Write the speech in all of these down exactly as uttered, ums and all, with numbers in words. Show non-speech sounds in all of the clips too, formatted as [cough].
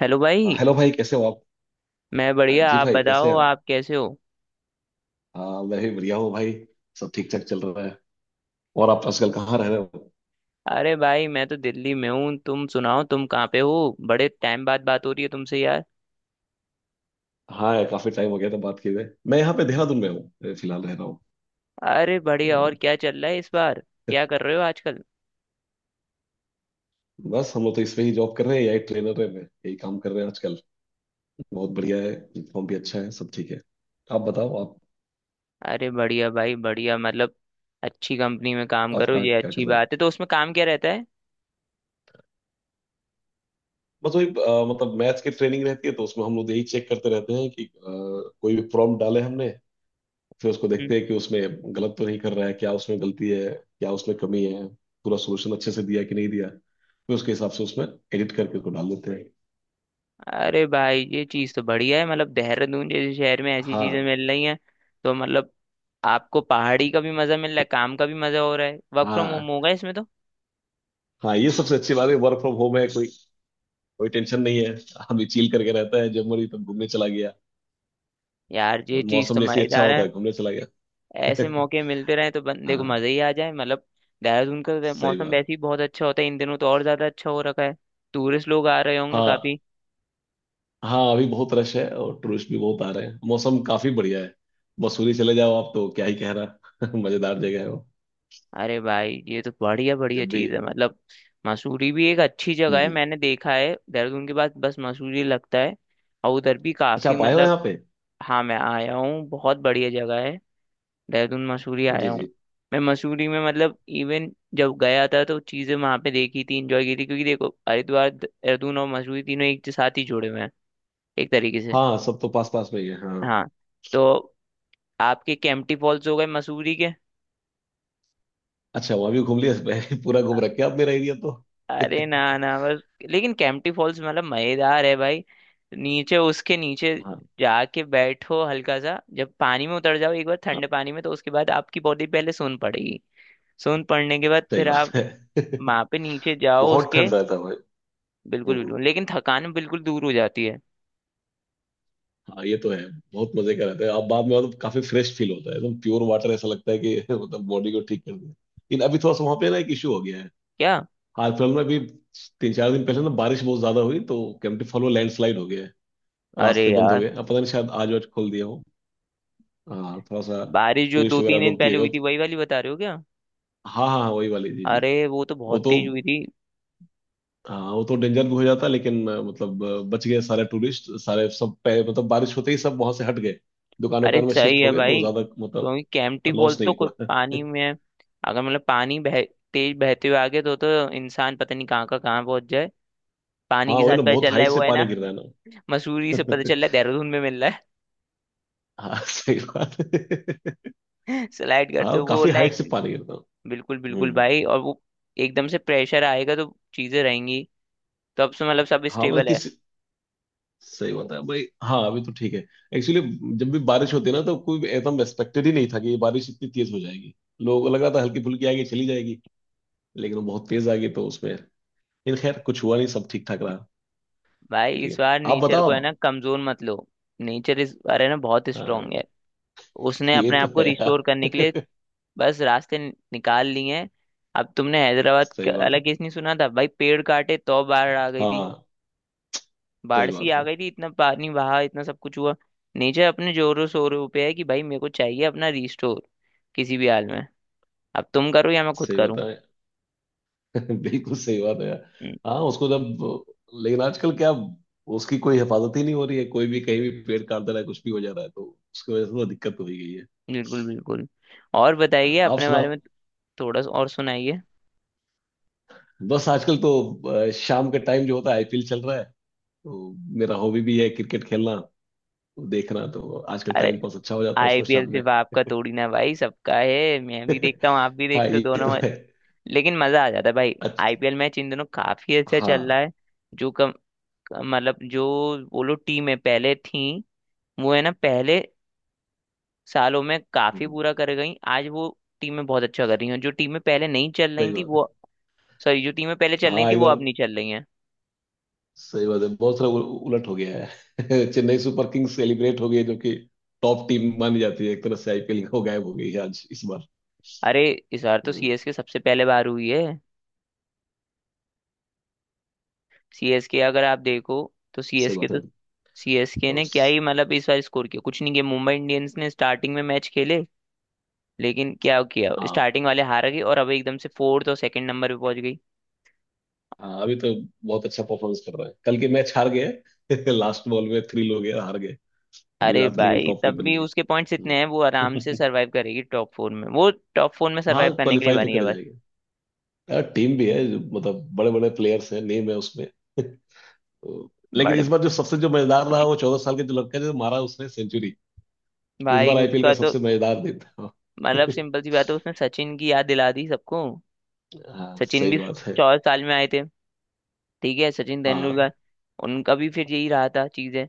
Hello अ, भाई। Hello भाई, कैसे हो आप? मैं अ, बढ़िया, जी आप भाई, कैसे बताओ हैं आप? आप कैसे हो? अ, मैं भी बढ़िया हूँ भाई। सब ठीक ठाक चल रहा है। और आप आजकल कहाँ रह रहे हो? अरे भाई मैं तो दिल्ली में हूँ, तुम सुनाओ तुम कहाँ पे हो? बड़े टाइम बाद बात हो रही है तुमसे यार। हाँ यार, काफी टाइम हो गया था बात किए हुए। मैं यहाँ पे देहरादून में हूँ, अ, फिलहाल रह रहा हूँ। अरे बढ़िया, और तो क्या चल रहा है इस बार? क्या कर रहे हो आजकल? बस हम लोग तो इसमें ही जॉब कर रहे हैं, यही ट्रेनर है, मैं यही काम कर रहे हैं आजकल। बहुत बढ़िया है, यूनिफॉर्म भी अच्छा है, सब ठीक है। आप बताओ आप। अरे बढ़िया भाई बढ़िया, मतलब अच्छी कंपनी में काम आप करो कहाँ ये क्या कर अच्छी रहे हो? बात है, तो उसमें काम क्या रहता है? बस वही, अ, मतलब मैथ्स की ट्रेनिंग रहती है, तो उसमें हम लोग यही चेक करते रहते हैं कि अ, कोई भी प्रॉब्लम डाले हमने, फिर उसको हम्म। देखते हैं कि उसमें गलत तो नहीं कर रहा है, क्या उसमें गलती है, क्या उसमें कमी है, पूरा सोल्यूशन अच्छे से दिया है कि नहीं दिया, फिर उसके हिसाब से उसमें एडिट करके उसको डाल देते हैं। अरे भाई ये चीज़ तो बढ़िया है, मतलब देहरादून जैसे शहर में ऐसी चीज़ें हाँ, मिल रही हैं। तो मतलब आपको पहाड़ी का भी मज़ा मिल रहा है, काम का भी मज़ा हो रहा है, वर्क फ्रॉम होम हाँ, होगा इसमें तो। हाँ, ये सबसे अच्छी बात है, वर्क फ्रॉम होम है, कोई कोई टेंशन नहीं है। आदमी चिल करके रहता है, जब मरी तब घूमने चला गया। यार ये चीज मौसम तो जैसे ही अच्छा मजेदार होता है। है घूमने चला ऐसे गया। [laughs] मौके मिलते रहे तो बंदे को हाँ मजे ही आ जाए मतलब। देहरादून का वै- सही मौसम बात वैसे ही है। बहुत अच्छा होता है, इन दिनों तो और ज्यादा अच्छा हो रखा है। टूरिस्ट लोग आ रहे होंगे हाँ, काफी। हाँ, अभी बहुत रश है और टूरिस्ट भी बहुत आ रहे हैं, मौसम काफी बढ़िया है। मसूरी चले जाओ आप तो क्या ही कह रहा, [laughs] मजेदार जगह है वो। अरे भाई ये तो बढ़िया बढ़िया जब भी। चीज है, मतलब मसूरी भी एक अच्छी जगह है, हम्म। मैंने देखा है देहरादून के बाद बस मसूरी लगता है। और उधर भी अच्छा, काफी आप आए हो मतलब। यहाँ पे? हाँ मैं आया हूँ, बहुत बढ़िया जगह है। देहरादून मसूरी आया जी हूँ। जी। मैं मसूरी में मतलब इवन जब गया था तो चीज़ें वहाँ पे देखी थी, इंजॉय की थी, क्योंकि देखो हरिद्वार देहरादून और मसूरी तीनों एक के साथ ही जुड़े हुए हैं एक तरीके से। हाँ, सब तो पास पास में ही है, हाँ। हाँ। तो आपके केम्प्टी फॉल्स हो गए मसूरी के? अच्छा, वहाँ भी घूम लिया। [laughs] मैं पूरा अ- घूम रखे आप मेरा एरिया तो। [laughs] अरे ना ना बस, लेकिन केम्प्टी फॉल्स मतलब मज़ेदार है भाई। नीचे उसके नीचे हाँ, जाके बैठो, हल्का सा जब पानी में उतर जाओ एक बार हाँ, ठंडे पानी में, तो उसके बाद आपकी बॉडी पहले सोन पड़ेगी। सोन पड़ने के बाद सही फिर बात आप है। [laughs] वहां पे नीचे जाओ बहुत उसके। ठंड रहता है भाई। बिल्कुल हम्म, हम्म। बिल्कुल, लेकिन थकान बिल्कुल दूर हो जाती है। हाँ ये तो है। बहुत मजे का रहता है, आप बाद में आओ तो काफी फ्रेश फील होता है, एकदम प्योर वाटर, ऐसा लगता है कि [laughs] मतलब बॉडी को ठीक कर दिया, लेकिन अभी थोड़ा सा वहाँ पे ना एक इशू हो गया है। क्या? हाल फिलहाल में अभी तीन चार दिन पहले ना बारिश बहुत ज्यादा हुई, तो कैंपटी फॉल में लैंडस्लाइड हो गया है। अरे रास्ते बंद हो यार, गए, अब पता नहीं, शायद आज आज खोल दिया हो। हाँ थोड़ा सा, बारिश जो दो टूरिस्ट तीन वगैरह दिन रोक दिया पहले गया। हुई थी वही वाली बता रहे हो क्या? हाँ, हाँ, हाँ, वही वाली, जी जी। अरे वो तो वो बहुत तो, तेज हुई थी। हाँ वो तो डेंजर भी हो जाता, लेकिन अ, मतलब अ, बच गए सारे टूरिस्ट, सारे, सब पे मतलब बारिश होते ही सब वहां से हट गए, दुकान अरे वकान में सही शिफ्ट है हो गए, तो भाई, ज्यादा मतलब क्योंकि कैंपटी लॉस फॉल्स तो नहीं हुआ। खुद [laughs] पानी में है। अगर मतलब पानी बह, तेज बहते हुए आगे तो तो इंसान पता नहीं कहाँ का कहाँ पहुंच जाए। पानी हाँ के वही साथ ना, पता बहुत चल रहा हाइट है से वो है ना। पानी गिर रहा है [laughs] मसूरी से पता चल रहा है ना। [laughs] देहरादून में मिल रहा हाँ सही बात [laughs] है। है। [laughs] स्लाइड करते हाँ हुए वो काफी हाइट लाइक। से पानी गिरता बिल्कुल है। बिल्कुल हम्म। भाई, और वो एकदम से प्रेशर आएगा तो चीजें रहेंगी। तो अब से मतलब सब हाँ मतलब स्टेबल है। किसी, सही बात है भाई, हाँ अभी तो ठीक है। एक्चुअली जब भी बारिश होती है ना, तो कोई एकदम एक्सपेक्टेड ही नहीं था कि ये बारिश इतनी तेज हो जाएगी। लोगों को लगा था हल्की फुल्की आएगी चली जाएगी, लेकिन वो बहुत तेज आ गई, तो उसमें, लेकिन खैर कुछ हुआ नहीं, सब ठीक ठाक रहा। भाई इस लेकिन बार आप नेचर को बताओ है ना अब। कमजोर मत लो। नेचर इस बार है ना बहुत स्ट्रांग हाँ है। उसने ये अपने तो आप को है रिस्टोर करने के लिए यार। बस रास्ते नि- निकाल लिए हैं। अब तुमने [laughs] हैदराबाद सही का बात अलग है। केस नहीं सुना था भाई? पेड़ काटे तो बाढ़ आ गई थी। हाँ बाढ़ सही सी बात आ है। गई थी, इतना पानी बहा, इतना सब कुछ हुआ। नेचर अपने जोरों शोरों पे है कि भाई मेरे को चाहिए अपना रिस्टोर, किसी भी हाल में। अब तुम करो या मैं खुद सही बात करूँ। है। [laughs] बिल्कुल सही बात है यार। हम्म। हाँ उसको जब, लेकिन आजकल क्या, उसकी कोई हिफाजत ही नहीं हो रही है, कोई भी कहीं भी पेड़ काट दे रहा है, कुछ भी हो जा रहा है, तो उसकी वजह से थोड़ा दिक्कत हो ही गई है। बिल्कुल बिल्कुल। और बताइए आप अपने सुना। बारे में। थोड़ा सा और सुनाइए। बस आजकल तो अ, शाम का टाइम जो होता है आईपीएल चल रहा है, तो मेरा हॉबी भी है क्रिकेट खेलना, तो देखना तो आजकल अरे टाइम पास अच्छा हो जाता है उसमें आई पी एल शाम में। सिर्फ आपका थोड़ी ना भाई, सबका है। मैं भी [laughs] देखता हूँ, आप भी हाँ देखते हो ये दोनों तो में। है। लेकिन मजा आ जाता है भाई। अच्छा। आई पी एल मैच इन दोनों काफी अच्छा चल रहा हाँ। है। जो कम, मतलब जो वो लोग टीमें पहले थी, वो है ना पहले सालों में काफी हम्म, बुरा कर गई, आज वो टीमें बहुत अच्छा कर रही हैं। जो टीमें पहले नहीं चल सही रही थी बात वो, है। सॉरी, जो टीमें पहले चल रही हाँ थी वो एकदम अब नहीं चल रही हैं। सही बात है, बहुत सारा उ- उलट हो गया है। [laughs] चेन्नई सुपर किंग्स सेलिब्रेट हो गई है, जो कि टॉप टीम मानी जाती है एक तरह से आईपीएल को, गायब हो गई है आज इस बार। अरे इस बार तो हम्म, सी एस के सबसे पहले बाहर हुई है। सी एस के अगर आप देखो तो, सही सी एस के बात है। तो, सी एस के और ने क्या उस- ही मतलब इस बार स्कोर किया, कुछ नहीं किया। मुंबई इंडियंस ने स्टार्टिंग में मैच खेले, लेकिन क्या किया, हाँ, स्टार्टिंग वाले हार गए और अब एकदम से फोर्थ और सेकंड नंबर पे पहुंच गई। हाँ, अभी तो बहुत अच्छा परफॉर्मेंस कर रहा है, कल के मैच हार गए। [laughs] लास्ट बॉल में थ्री हो गया, हार गए। अरे गुजरात लेकिन भाई टॉप पे तब बन भी गए। उसके पॉइंट्स इतने हैं, वो आराम से हम्म। सरवाइव करेगी टॉप फोर में वो। टॉप फोर में [laughs] हाँ सरवाइव करने के लिए क्वालिफाई तो बनी है कर बस। जाएगा। हाँ, टीम भी है जो मतलब बड़े बड़े प्लेयर्स हैं, नेम है उसमें। [laughs] तो, लेकिन इस बड़े बार जो सबसे जो मजेदार रहा वो चौदह साल के जो लड़का है, जो मारा उसने सेंचुरी। इस बार भाई आईपीएल का उसका तो सबसे मजेदार दिन था। मतलब, सिंपल सी [laughs] बात है, उसने सचिन की याद दिला दी सबको। हाँ सचिन सही भी बात है। चौदह साल में आए थे, ठीक है, सचिन हाँ, तेंदुलकर। उनका भी फिर यही रहा था चीजें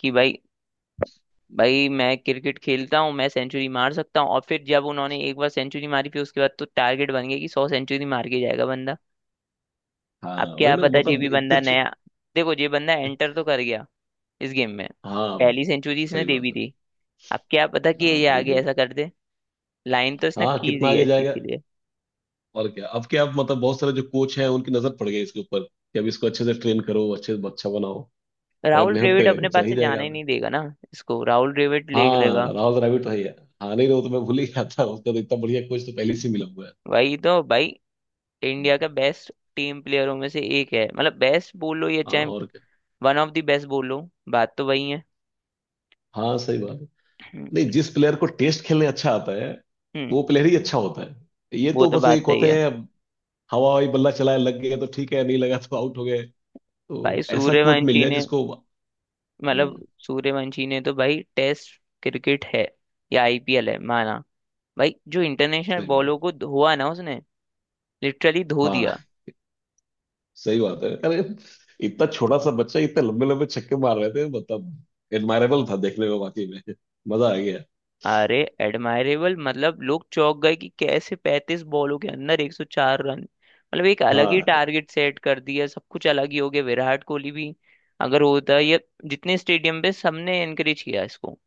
कि भाई, भाई मैं क्रिकेट खेलता हूँ मैं सेंचुरी मार सकता हूँ, और फिर जब उन्होंने एक बार सेंचुरी मारी फिर उसके बाद तो टारगेट बन गया कि सौ सेंचुरी मार के जाएगा बंदा। अब हाँ वही क्या ना, पता ये मतलब भी इतने बंदा छ- नया, देखो ये बंदा एंटर तो कर गया इस गेम में। हाँ पहली सेंचुरी इसने सही दे बात भी है। दी। अब क्या पता कि हाँ ये पहले आगे देख। ऐसा कर दे। लाइन तो इसने हाँ खींच कितना दी आगे है इस चीज जाएगा। के लिए। और क्या, अब क्या अब मतलब बहुत सारे जो कोच हैं उनकी नजर पड़ गई इसके ऊपर, कि अब इसको अच्छे से ट्रेन करो, अच्छे से अच्छा बनाओ। अगर राहुल मेहनत द्रविड़ करेगा अपने तो पास चला ही से जाएगा। जाने ही नहीं देगा ना। इसको राहुल द्रविड़ ले हाँ लेगा। राउज द्रविड़ तो है ही है। हाँ नहीं, वो तो मैं भूल ही गया था, उसका तो इतना बढ़िया कोच तो पहले से ही मिला हुआ है। वही तो भाई, इंडिया हम्म, का बेस्ट टीम प्लेयरों में से एक है, मतलब बेस्ट बोलो या हाँ चाहे और क्या। वन ऑफ द बेस्ट बोलो, बात तो वही है। हाँ सही बात है। हम्म, नहीं, जिस प्लेयर को टेस्ट खेलने अच्छा आता है हम्म, वो प्लेयर ही अच्छा होता है, ये वो तो तो बस बात एक सही होते है हैं अब। हवा हवाई बल्ला चलाए, लग गए तो ठीक है, नहीं लगा तो आउट हो गए। भाई। तो ऐसा कोच मिल सूर्यवंशी जाए ने जिसको। मतलब, हम्म। सूर्यवंशी ने तो भाई, टेस्ट क्रिकेट है या आई पी एल है माना, भाई जो इंटरनेशनल सही बात। बॉलों को धोआ ना उसने, लिटरली धो दिया। हाँ सही बात है, अरे इतना छोटा सा बच्चा इतने लंबे लंबे छक्के मार रहे थे, मतलब एडमायरेबल था देखने में, वाकई में। मजा आ गया। अरे एडमायरेबल मतलब लोग चौंक गए कि कैसे पैंतीस बॉलों के अंदर एक सौ चार रन, मतलब एक अलग ही हाँ टारगेट सेट कर दिया, सब कुछ अलग ही हो गया विराट कोहली भी। अगर होता ये, जितने स्टेडियम पे सबने एनकरेज किया इसको,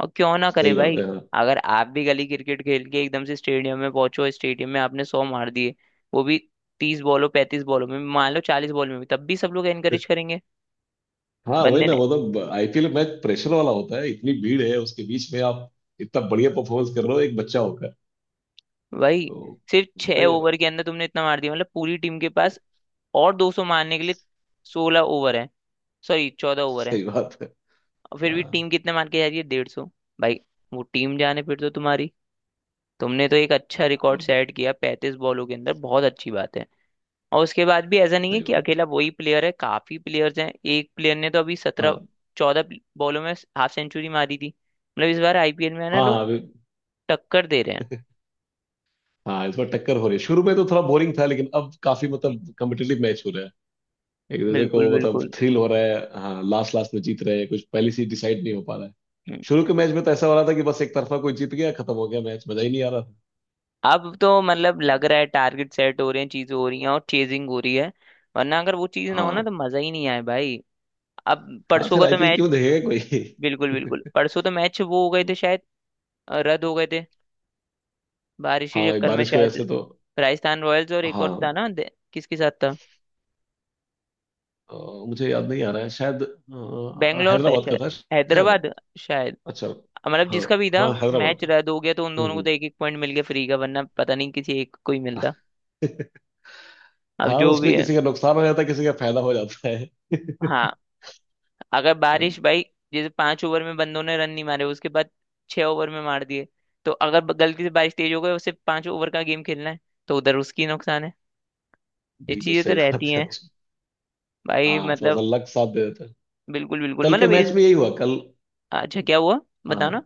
और क्यों ना करे सही बात भाई। है। हाँ, अगर आप भी गली क्रिकेट खेल के एकदम से स्टेडियम में पहुंचो, स्टेडियम में आपने सौ मार दिए, वो भी तीस बॉलों पैंतीस बॉलों में, मान लो चालीस बॉल में भी, तब भी सब लोग एनकरेज करेंगे। हाँ वही बंदे ना, ने, मतलब आईपीएल मैच प्रेशर वाला होता है, इतनी भीड़ है उसके बीच में आप इतना बढ़िया परफॉर्मेंस कर रहे हो एक बच्चा होकर। भाई तो सिर्फ छह बताइए भाई। ओवर के अंदर तुमने इतना मार दिया मतलब, पूरी टीम के पास और दो सौ मारने के लिए सोलह ओवर है, सॉरी चौदह ओवर है, सही बात है। और फिर भी हाँ टीम कितने मार के जा रही है डेढ़ सौ। भाई वो टीम जाने फिर तो तुम्हारी, तुमने तो एक अच्छा रिकॉर्ड और क्या। सेट किया पैंतीस बॉलों के अंदर, बहुत अच्छी बात है। और उसके बाद भी ऐसा नहीं है सही कि बात है। अकेला वही प्लेयर है, काफी प्लेयर्स हैं, एक प्लेयर ने तो अभी सत्रह, हाँ, चौदह बॉलों में हाफ सेंचुरी मारी थी। मतलब इस बार आई पी एल में है ना हाँ, हाँ लोग अभी। टक्कर दे रहे हाँ इस बार टक्कर हो रही है, शुरू में तो थोड़ा बोरिंग था लेकिन अब काफी हैं। मतलब कम्पिटेटिव मैच हो रहा है। एक दूसरे को बिल्कुल मतलब बिल्कुल। थ्रिल हो रहा है, हाँ लास्ट लास्ट में जीत रहे हैं, कुछ पहले से डिसाइड नहीं हो पा रहा है। शुरू हम्म। के मैच में तो ऐसा हो रहा था कि बस एक तरफा कोई जीत गया, खत्म हो गया मैच, मजा ही नहीं आ रहा था। अब तो मतलब लग रहा है टारगेट सेट हो रहे हैं, चीजें हो रही हैं, और चेजिंग हो रही है, वरना अगर वो चीज ना हो ना हाँ, तो मजा ही नहीं आए भाई। अब हाँ, परसों फिर का तो आईपीएल क्यों मैच, देखेगा बिल्कुल बिल्कुल परसों तो मैच वो हो गए थे कोई। शायद, अ, रद्द हो गए थे बारिश हाँ के ये चक्कर में बारिश की वजह शायद। से तो। राजस्थान रॉयल्स और एक और था हाँ ना, दे- किसके साथ था? अ, मुझे याद नहीं आ रहा है, शायद अ, बैंगलोर था हैदराबाद का शायद, था शायद वो। हैदराबाद शायद, अच्छा। मतलब हाँ, जिसका भी था, हाँ, हैदराबाद मैच का। रद्द हो गया तो उन हम्म, दोनों को हम्म। तो एक एक पॉइंट मिल गया फ्री का, वरना पता नहीं किसी एक को ही मिलता। [laughs] अब हाँ जो भी उसमें है। किसी का नुकसान हो जाता है, किसी का फायदा हो जाता है। हाँ, अगर हाँ, बारिश भाई, जैसे पांच ओवर में बंदों ने रन नहीं मारे उसके बाद छह ओवर में मार दिए, तो अगर ब- गलती से बारिश तेज हो गई, उसे पांच ओवर का गेम खेलना है, तो उधर उसकी नुकसान है। ये बिल्कुल चीजें तो सही बात रहती है हैं उसमें। भाई हाँ थोड़ा सा मतलब। लक साथ दे देता है। बिल्कुल बिल्कुल, कल के मतलब ये, मैच में यही हुआ कल। अच्छा क्या हुआ, बताना। हाँ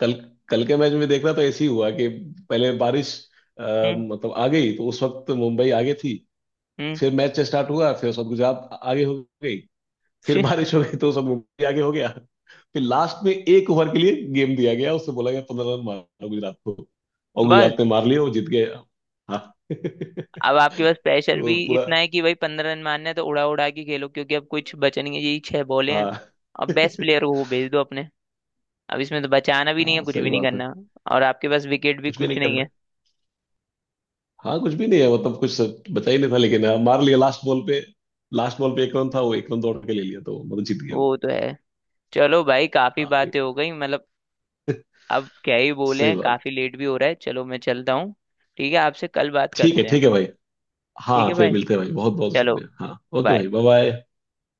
कल कल के मैच में देखना तो ऐसे ही हुआ कि पहले बारिश अ, हम्म मतलब आ गई, तो उस वक्त मुंबई आगे थी। हम्म। फिर मैच स्टार्ट हुआ, फिर उस वक्त गुजरात आगे हो गई। [laughs] फिर फिर- बारिश हो गई तो सब मुंबई आगे हो गया। फिर लास्ट में एक ओवर के लिए गेम दिया गया, उससे बोला गया पंद्रह रन मारो गुजरात को, और बस गुजरात ने मार लिया, वो जीत गया। हाँ [laughs] अब आपके पास प्रेशर तो भी पूरा। इतना है कि भाई पंद्रह रन मारने हैं, तो उड़ा उड़ा के खेलो क्योंकि अब कुछ बचा नहीं है, यही छह बॉले हैं। हाँ अब बेस्ट [laughs] प्लेयर को वो भेज दो अपने, अब इसमें तो बचाना भी नहीं है, हाँ कुछ सही भी नहीं बात है। करना, और आपके पास विकेट भी कुछ भी नहीं कुछ नहीं करना। है। हाँ कुछ भी नहीं है, मतलब कुछ बचा ही नहीं था, लेकिन हाँ, मार लिया लास्ट बॉल पे। लास्ट बॉल पे एक रन था, वो एक रन दौड़ के ले लिया, तो मतलब जीत गया वो। वो तो है। चलो भाई काफी हाँ ये-। बातें हो गई मतलब, अब क्या ही बोले सही हैं, बात। काफी लेट भी हो रहा है, चलो मैं चलता हूँ। ठीक है आपसे कल बात ठीक है, करते ठीक हैं। है भाई। ठीक हाँ है फिर भाई, मिलते हैं भाई, बहुत बहुत चलो, शुक्रिया, हाँ। Okay bye. भाई, बाय बाय।